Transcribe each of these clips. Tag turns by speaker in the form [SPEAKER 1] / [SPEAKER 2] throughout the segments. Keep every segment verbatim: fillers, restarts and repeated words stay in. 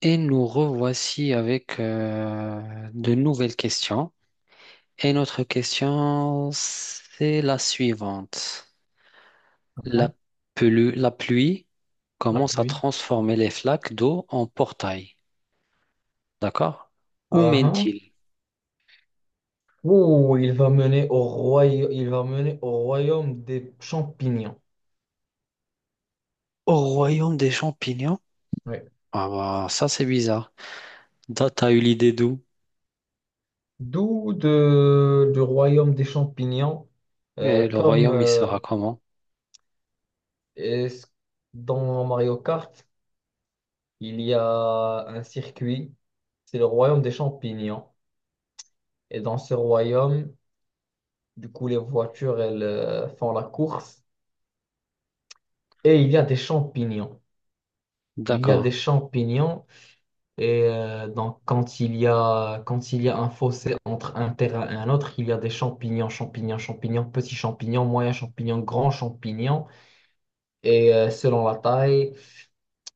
[SPEAKER 1] Et nous revoici avec euh, de nouvelles questions. Et notre question, c'est la suivante. La
[SPEAKER 2] Hein.
[SPEAKER 1] pelu- la pluie
[SPEAKER 2] La
[SPEAKER 1] commence à
[SPEAKER 2] pluie.
[SPEAKER 1] transformer les flaques d'eau en portails. D'accord? Où
[SPEAKER 2] Ah, hein.
[SPEAKER 1] mène-t-il?
[SPEAKER 2] Ouh, il va mener au royaume, il va mener au royaume des champignons.
[SPEAKER 1] Au royaume des champignons?
[SPEAKER 2] Ouais.
[SPEAKER 1] Ah bah, ça c'est bizarre. T'as t'as eu l'idée d'où?
[SPEAKER 2] D'où de, du royaume des champignons,
[SPEAKER 1] Et
[SPEAKER 2] euh,
[SPEAKER 1] le
[SPEAKER 2] comme
[SPEAKER 1] royaume, il
[SPEAKER 2] euh,
[SPEAKER 1] sera comment?
[SPEAKER 2] est-ce- dans Mario Kart, il y a un circuit, c'est le royaume des champignons. Et dans ce royaume, du coup, les voitures, elles euh, font la course. Et il y a des champignons. Il y a
[SPEAKER 1] D'accord.
[SPEAKER 2] des champignons. Et euh, donc, quand il y a, quand il y a un fossé entre un terrain et un autre, il y a des champignons, champignons, champignons, petits champignons, moyens champignons, grands champignons. Et euh, selon la taille,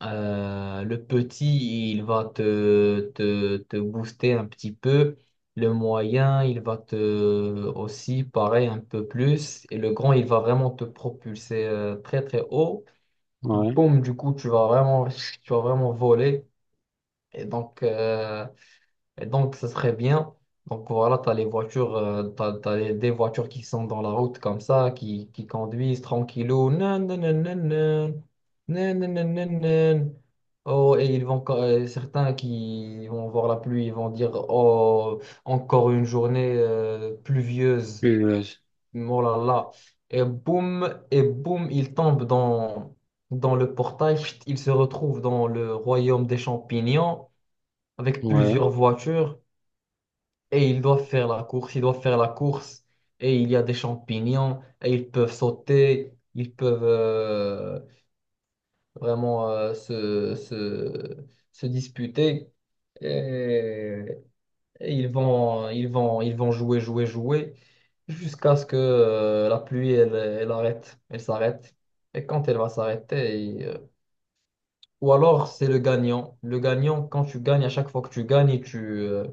[SPEAKER 2] euh, le petit, il va te, te, te booster un petit peu. Le moyen, il va te aussi, pareil, un peu plus. Et le grand, il va vraiment te propulser euh, très, très haut.
[SPEAKER 1] Ouais.
[SPEAKER 2] Boum, du coup, tu vas vraiment, tu vas vraiment voler. Et donc, euh, et donc, ça serait bien. Donc, voilà, tu as les voitures, euh, t'as, t'as les- des voitures qui sont dans la route comme ça, qui, qui conduisent tranquillou. Nan, nan, nan, nan, nan. Nan, nan, nan, nan, nan. Oh, et ils vont, co- euh, certains qui vont voir la pluie, ils vont dire, oh, encore une journée euh, pluvieuse.
[SPEAKER 1] Plus- euh,
[SPEAKER 2] Oh là là. Et boum, et boum, ils tombent dans, dans le portail. Chut, ils se retrouvent dans le royaume des champignons avec
[SPEAKER 1] Ouais.
[SPEAKER 2] plusieurs voitures et ils doivent faire la course, ils doivent faire la course, et il y a des champignons et ils peuvent sauter, ils peuvent euh, vraiment euh, se, se, se disputer, et, et ils vont, ils vont, ils vont jouer, jouer, jouer jusqu'à ce que euh, la pluie elle, elle arrête, elle s'arrête. Et quand elle va s'arrêter, et, euh, ou alors c'est le gagnant. Le gagnant, quand tu gagnes, à chaque fois que tu gagnes, tu, euh,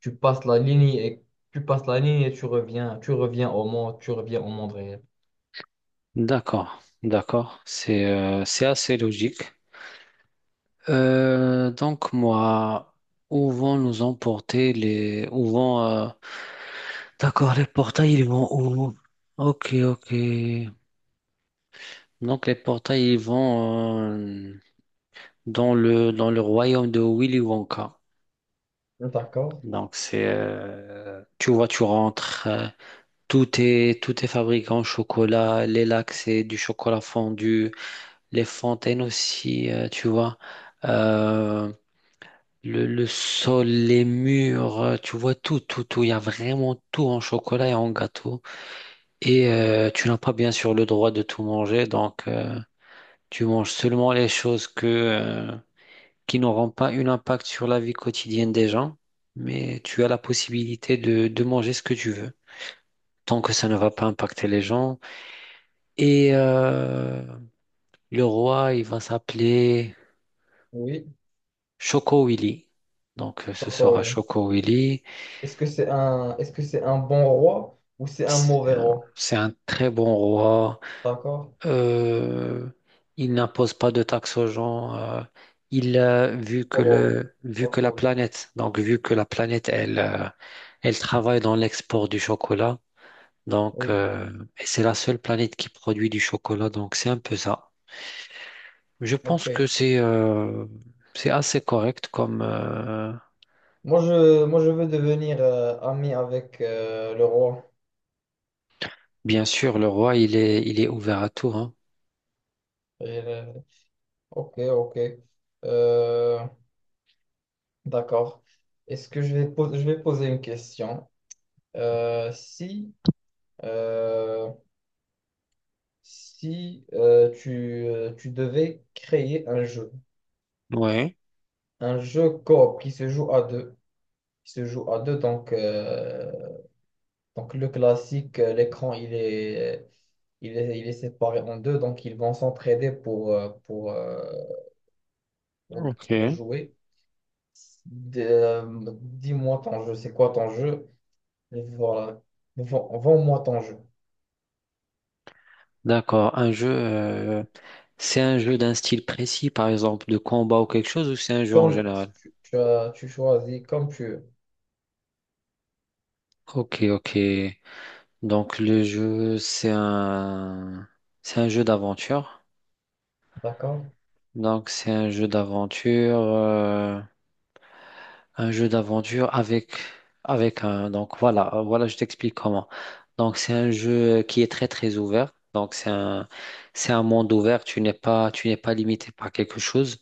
[SPEAKER 2] tu passes la ligne et tu passes la ligne et tu reviens, tu reviens au monde, tu reviens au monde réel.
[SPEAKER 1] D'accord. D'accord. C'est euh, c'est assez logique. Euh, donc moi, où vont nous emporter les, où vont, euh, d'accord, les portails, ils vont où? Ok, ok. Donc les portails, ils vont euh, dans le, dans le royaume de Willy Wonka.
[SPEAKER 2] D'accord.
[SPEAKER 1] Donc c'est... euh, tu vois, tu rentres, euh, tout est, tout est fabriqué en chocolat, les lacs, c'est du chocolat fondu, les fontaines aussi, euh, tu vois. Euh, Le, le sol, les murs, euh, tu vois tout, tout, tout. Il y a vraiment tout en chocolat et en gâteau. Et euh, tu n'as pas bien sûr le droit de tout manger, donc euh, tu manges seulement les choses que, euh, qui n'auront pas un impact sur la vie quotidienne des gens, mais tu as la possibilité de, de manger ce que tu veux, tant que ça ne va pas impacter les gens. Et euh, le roi, il va s'appeler
[SPEAKER 2] Oui,
[SPEAKER 1] Choco Willy. Donc euh,
[SPEAKER 2] je suis
[SPEAKER 1] ce
[SPEAKER 2] d'accord,
[SPEAKER 1] sera
[SPEAKER 2] oui.
[SPEAKER 1] Choco Willy.
[SPEAKER 2] Est-ce que c'est un, est-ce que c'est un bon roi ou c'est un
[SPEAKER 1] C'est
[SPEAKER 2] mauvais
[SPEAKER 1] un
[SPEAKER 2] roi?
[SPEAKER 1] c'est un très bon roi.
[SPEAKER 2] D'accord.
[SPEAKER 1] Euh, il n'impose pas de taxes aux gens. Euh, il a vu que
[SPEAKER 2] Oh,
[SPEAKER 1] le, vu
[SPEAKER 2] oh,
[SPEAKER 1] que la
[SPEAKER 2] cool.
[SPEAKER 1] planète, donc vu que la planète, elle, euh, elle travaille dans l'export du chocolat. Donc,
[SPEAKER 2] Oui,
[SPEAKER 1] euh, et c'est la seule planète qui produit du chocolat. Donc, c'est un peu ça. Je pense
[SPEAKER 2] ok.
[SPEAKER 1] que c'est euh, c'est assez correct comme euh,
[SPEAKER 2] Moi, je, moi, je veux devenir euh, ami avec euh, le roi.
[SPEAKER 1] bien sûr, le roi, il est il est ouvert à tout, hein.
[SPEAKER 2] Et, euh, ok, ok. Euh, d'accord. Est-ce que je vais, po- je vais poser une question? Euh, si, euh, si euh, tu, euh, tu devais créer un jeu,
[SPEAKER 1] Ouais,
[SPEAKER 2] un jeu coop qui se joue à deux, qui se joue à deux, donc, euh, donc le classique, euh, l'écran, il est, il est, il est séparé en deux, donc ils vont s'entraider pour, euh, pour, euh, pour, pour
[SPEAKER 1] ok.
[SPEAKER 2] jouer. De- euh, dis-moi ton jeu, c'est quoi ton jeu? Voilà, Vends- vends-moi ton jeu.
[SPEAKER 1] D'accord. Un jeu, euh, c'est un jeu d'un style précis, par exemple, de combat ou quelque chose, ou c'est un jeu en
[SPEAKER 2] Comme
[SPEAKER 1] général?
[SPEAKER 2] tu, tu as, tu choisis, comme tu veux,
[SPEAKER 1] Ok, ok. Donc le jeu, c'est un, c'est un jeu d'aventure.
[SPEAKER 2] d'accord?
[SPEAKER 1] Donc c'est un jeu d'aventure, euh, un jeu d'aventure avec, avec un. Donc voilà, euh, voilà, je t'explique comment. Donc c'est un jeu qui est très très ouvert. Donc c'est un, c'est un monde ouvert. Tu n'es pas, tu n'es pas limité par quelque chose.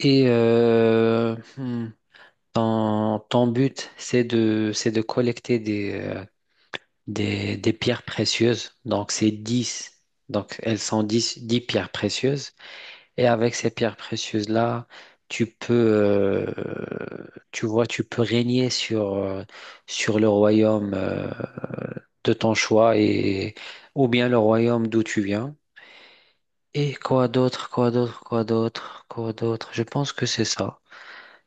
[SPEAKER 1] Et euh, hmm, Ton, ton but, c'est de, c'est de collecter des, euh, des, des pierres précieuses. Donc, c'est dix Donc, elles sont dix dix pierres précieuses. Et avec ces pierres précieuses-là, tu peux, euh, tu vois, tu peux régner sur, euh, sur le royaume, euh, de ton choix et, ou bien le royaume d'où tu viens. Et quoi d'autre, quoi d'autre, quoi d'autre, quoi d'autre. Je pense que c'est ça.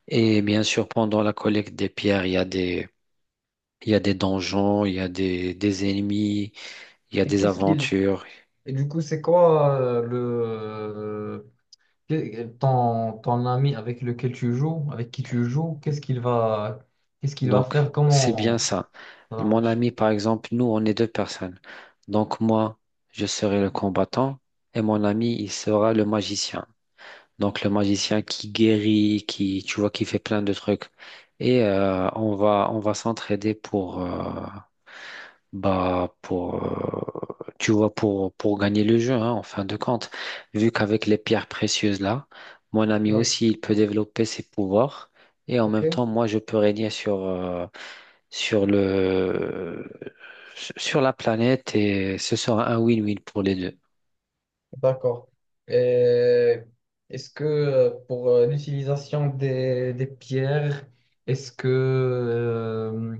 [SPEAKER 1] Et bien sûr, pendant la collecte des pierres, il y a des il y a des donjons, il y a des, des ennemis, il y a
[SPEAKER 2] Et
[SPEAKER 1] des
[SPEAKER 2] qu'est-ce qu'il
[SPEAKER 1] aventures.
[SPEAKER 2] Et du coup, c'est quoi euh, le que- ton, ton ami avec lequel tu joues, avec qui tu joues, qu'est-ce qu'il va qu'est-ce qu'il va
[SPEAKER 1] Donc,
[SPEAKER 2] faire,
[SPEAKER 1] c'est bien
[SPEAKER 2] comment
[SPEAKER 1] ça.
[SPEAKER 2] ça va
[SPEAKER 1] Mon
[SPEAKER 2] marcher?
[SPEAKER 1] ami, par exemple, nous, on est deux personnes. Donc, moi, je serai le combattant et mon ami, il sera le magicien. Donc, le magicien qui guérit, qui, tu vois, qui fait plein de trucs. Et euh, on va, on va s'entraider pour, euh, Bah, pour euh, tu vois pour pour gagner le jeu, hein, en fin de compte, vu qu'avec les pierres précieuses là, mon ami
[SPEAKER 2] Oui,
[SPEAKER 1] aussi il peut développer ses pouvoirs et en même temps
[SPEAKER 2] ok,
[SPEAKER 1] moi je peux régner sur euh, sur le sur la planète et ce sera un win-win pour les deux.
[SPEAKER 2] d'accord. Et Est-ce que euh, pour euh, l'utilisation des, des pierres, Est-ce que euh,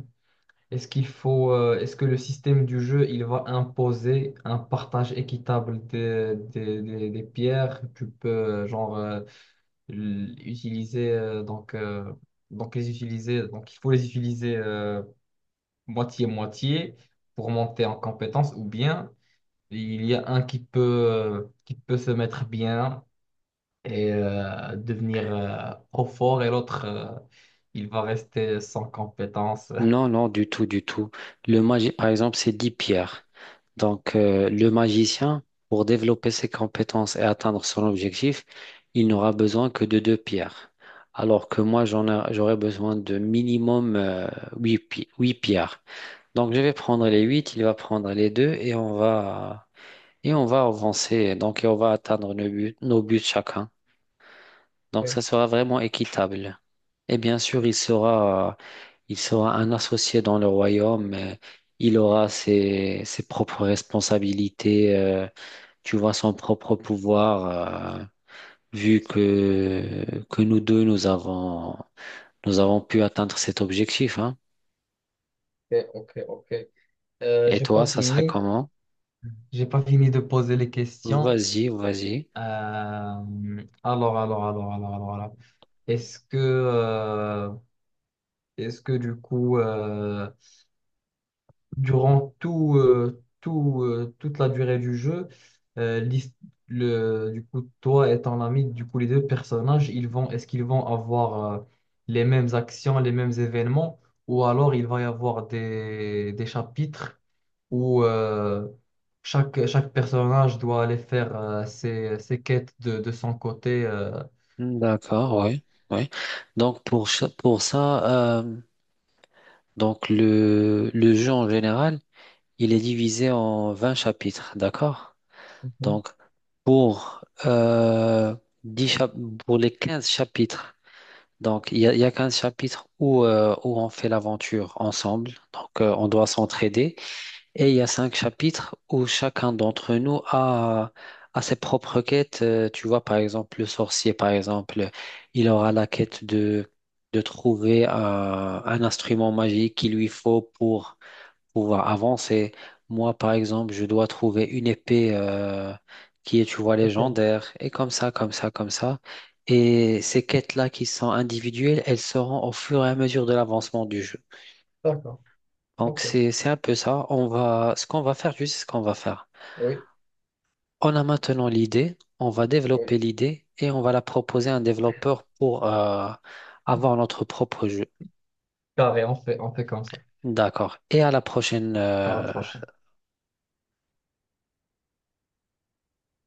[SPEAKER 2] est-ce qu'il faut euh, est-ce que le système du jeu il va imposer un partage équitable des, des, des- des pierres? Tu peux euh, genre euh, l- utiliser euh, donc euh, donc les utiliser donc il faut les utiliser euh, moitié moitié pour monter en compétence ou bien il y a un qui peut euh, qui peut se mettre bien et euh, devenir euh, trop fort et l'autre euh, il va rester sans compétence.
[SPEAKER 1] Non, non, du tout, du tout. Le magi, par exemple, c'est dix pierres. Donc, euh, le magicien, pour développer ses compétences et atteindre son objectif, il n'aura besoin que de deux pierres. Alors que moi, j'en ai- j'aurais besoin de minimum euh, huit pi- huit pierres. Donc, je vais prendre les huit, il va prendre les deux et on va, et on va avancer. Donc, et on va atteindre nos buts, nos buts chacun. Donc, ça sera vraiment équitable. Et bien sûr, il sera. Il sera un associé dans le royaume. euh, Il aura ses, ses propres responsabilités. Euh, tu vois, son propre pouvoir. Euh, vu que, que nous deux, nous avons, nous avons pu atteindre cet objectif, hein.
[SPEAKER 2] Ok, ok, ok, ok. Euh,
[SPEAKER 1] Et
[SPEAKER 2] j'ai
[SPEAKER 1] toi,
[SPEAKER 2] pas
[SPEAKER 1] ça serait
[SPEAKER 2] fini.
[SPEAKER 1] comment?
[SPEAKER 2] J'ai pas fini de poser les questions.
[SPEAKER 1] Vas-y, vas-y.
[SPEAKER 2] Euh, alors, alors, alors, alors, alors, alors. Est-ce que euh, Est-ce que du coup, euh, durant tout, euh, tout, euh, toute la durée du jeu, euh, l'his- le, du coup, toi et ton ami, du coup, les deux personnages, ils vont, est-ce qu'ils vont avoir euh, les mêmes actions, les mêmes événements, ou alors il va y avoir des, des chapitres où euh, chaque, chaque personnage doit aller faire euh, ses, ses quêtes de, de son côté. Euh,
[SPEAKER 1] D'accord,
[SPEAKER 2] voilà.
[SPEAKER 1] oui. Oui. Donc, pour, cha- pour ça, euh, donc le, le jeu en général, il est divisé en vingt chapitres, d'accord?
[SPEAKER 2] Mhm.
[SPEAKER 1] Donc, pour, euh, 10 chap- pour les quinze chapitres, donc il y a, il y a quinze chapitres où, euh, où on fait l'aventure ensemble, donc euh, on doit s'entraider, et il y a cinq chapitres où chacun d'entre nous a, a ses propres quêtes. Euh, tu vois, par exemple, le sorcier, par exemple, il aura la quête de, de trouver euh, un instrument magique qu'il lui faut pour pouvoir avancer. Moi, par exemple, je dois trouver une épée euh, qui est, tu vois,
[SPEAKER 2] Ok,
[SPEAKER 1] légendaire, et comme ça, comme ça, comme ça. Et ces quêtes-là qui sont individuelles, elles seront au fur et à mesure de l'avancement du jeu.
[SPEAKER 2] d'accord.
[SPEAKER 1] Donc,
[SPEAKER 2] Ok,
[SPEAKER 1] c'est, c'est un peu ça. On va, ce qu'on va faire, tu sais ce qu'on va faire.
[SPEAKER 2] oui,
[SPEAKER 1] On a maintenant l'idée, on va
[SPEAKER 2] oui.
[SPEAKER 1] développer l'idée et on va la proposer à un développeur pour euh, avoir notre propre jeu.
[SPEAKER 2] Carré, on fait, on fait comme ça.
[SPEAKER 1] D'accord. Et à la prochaine.
[SPEAKER 2] Ah,
[SPEAKER 1] euh,
[SPEAKER 2] franchement.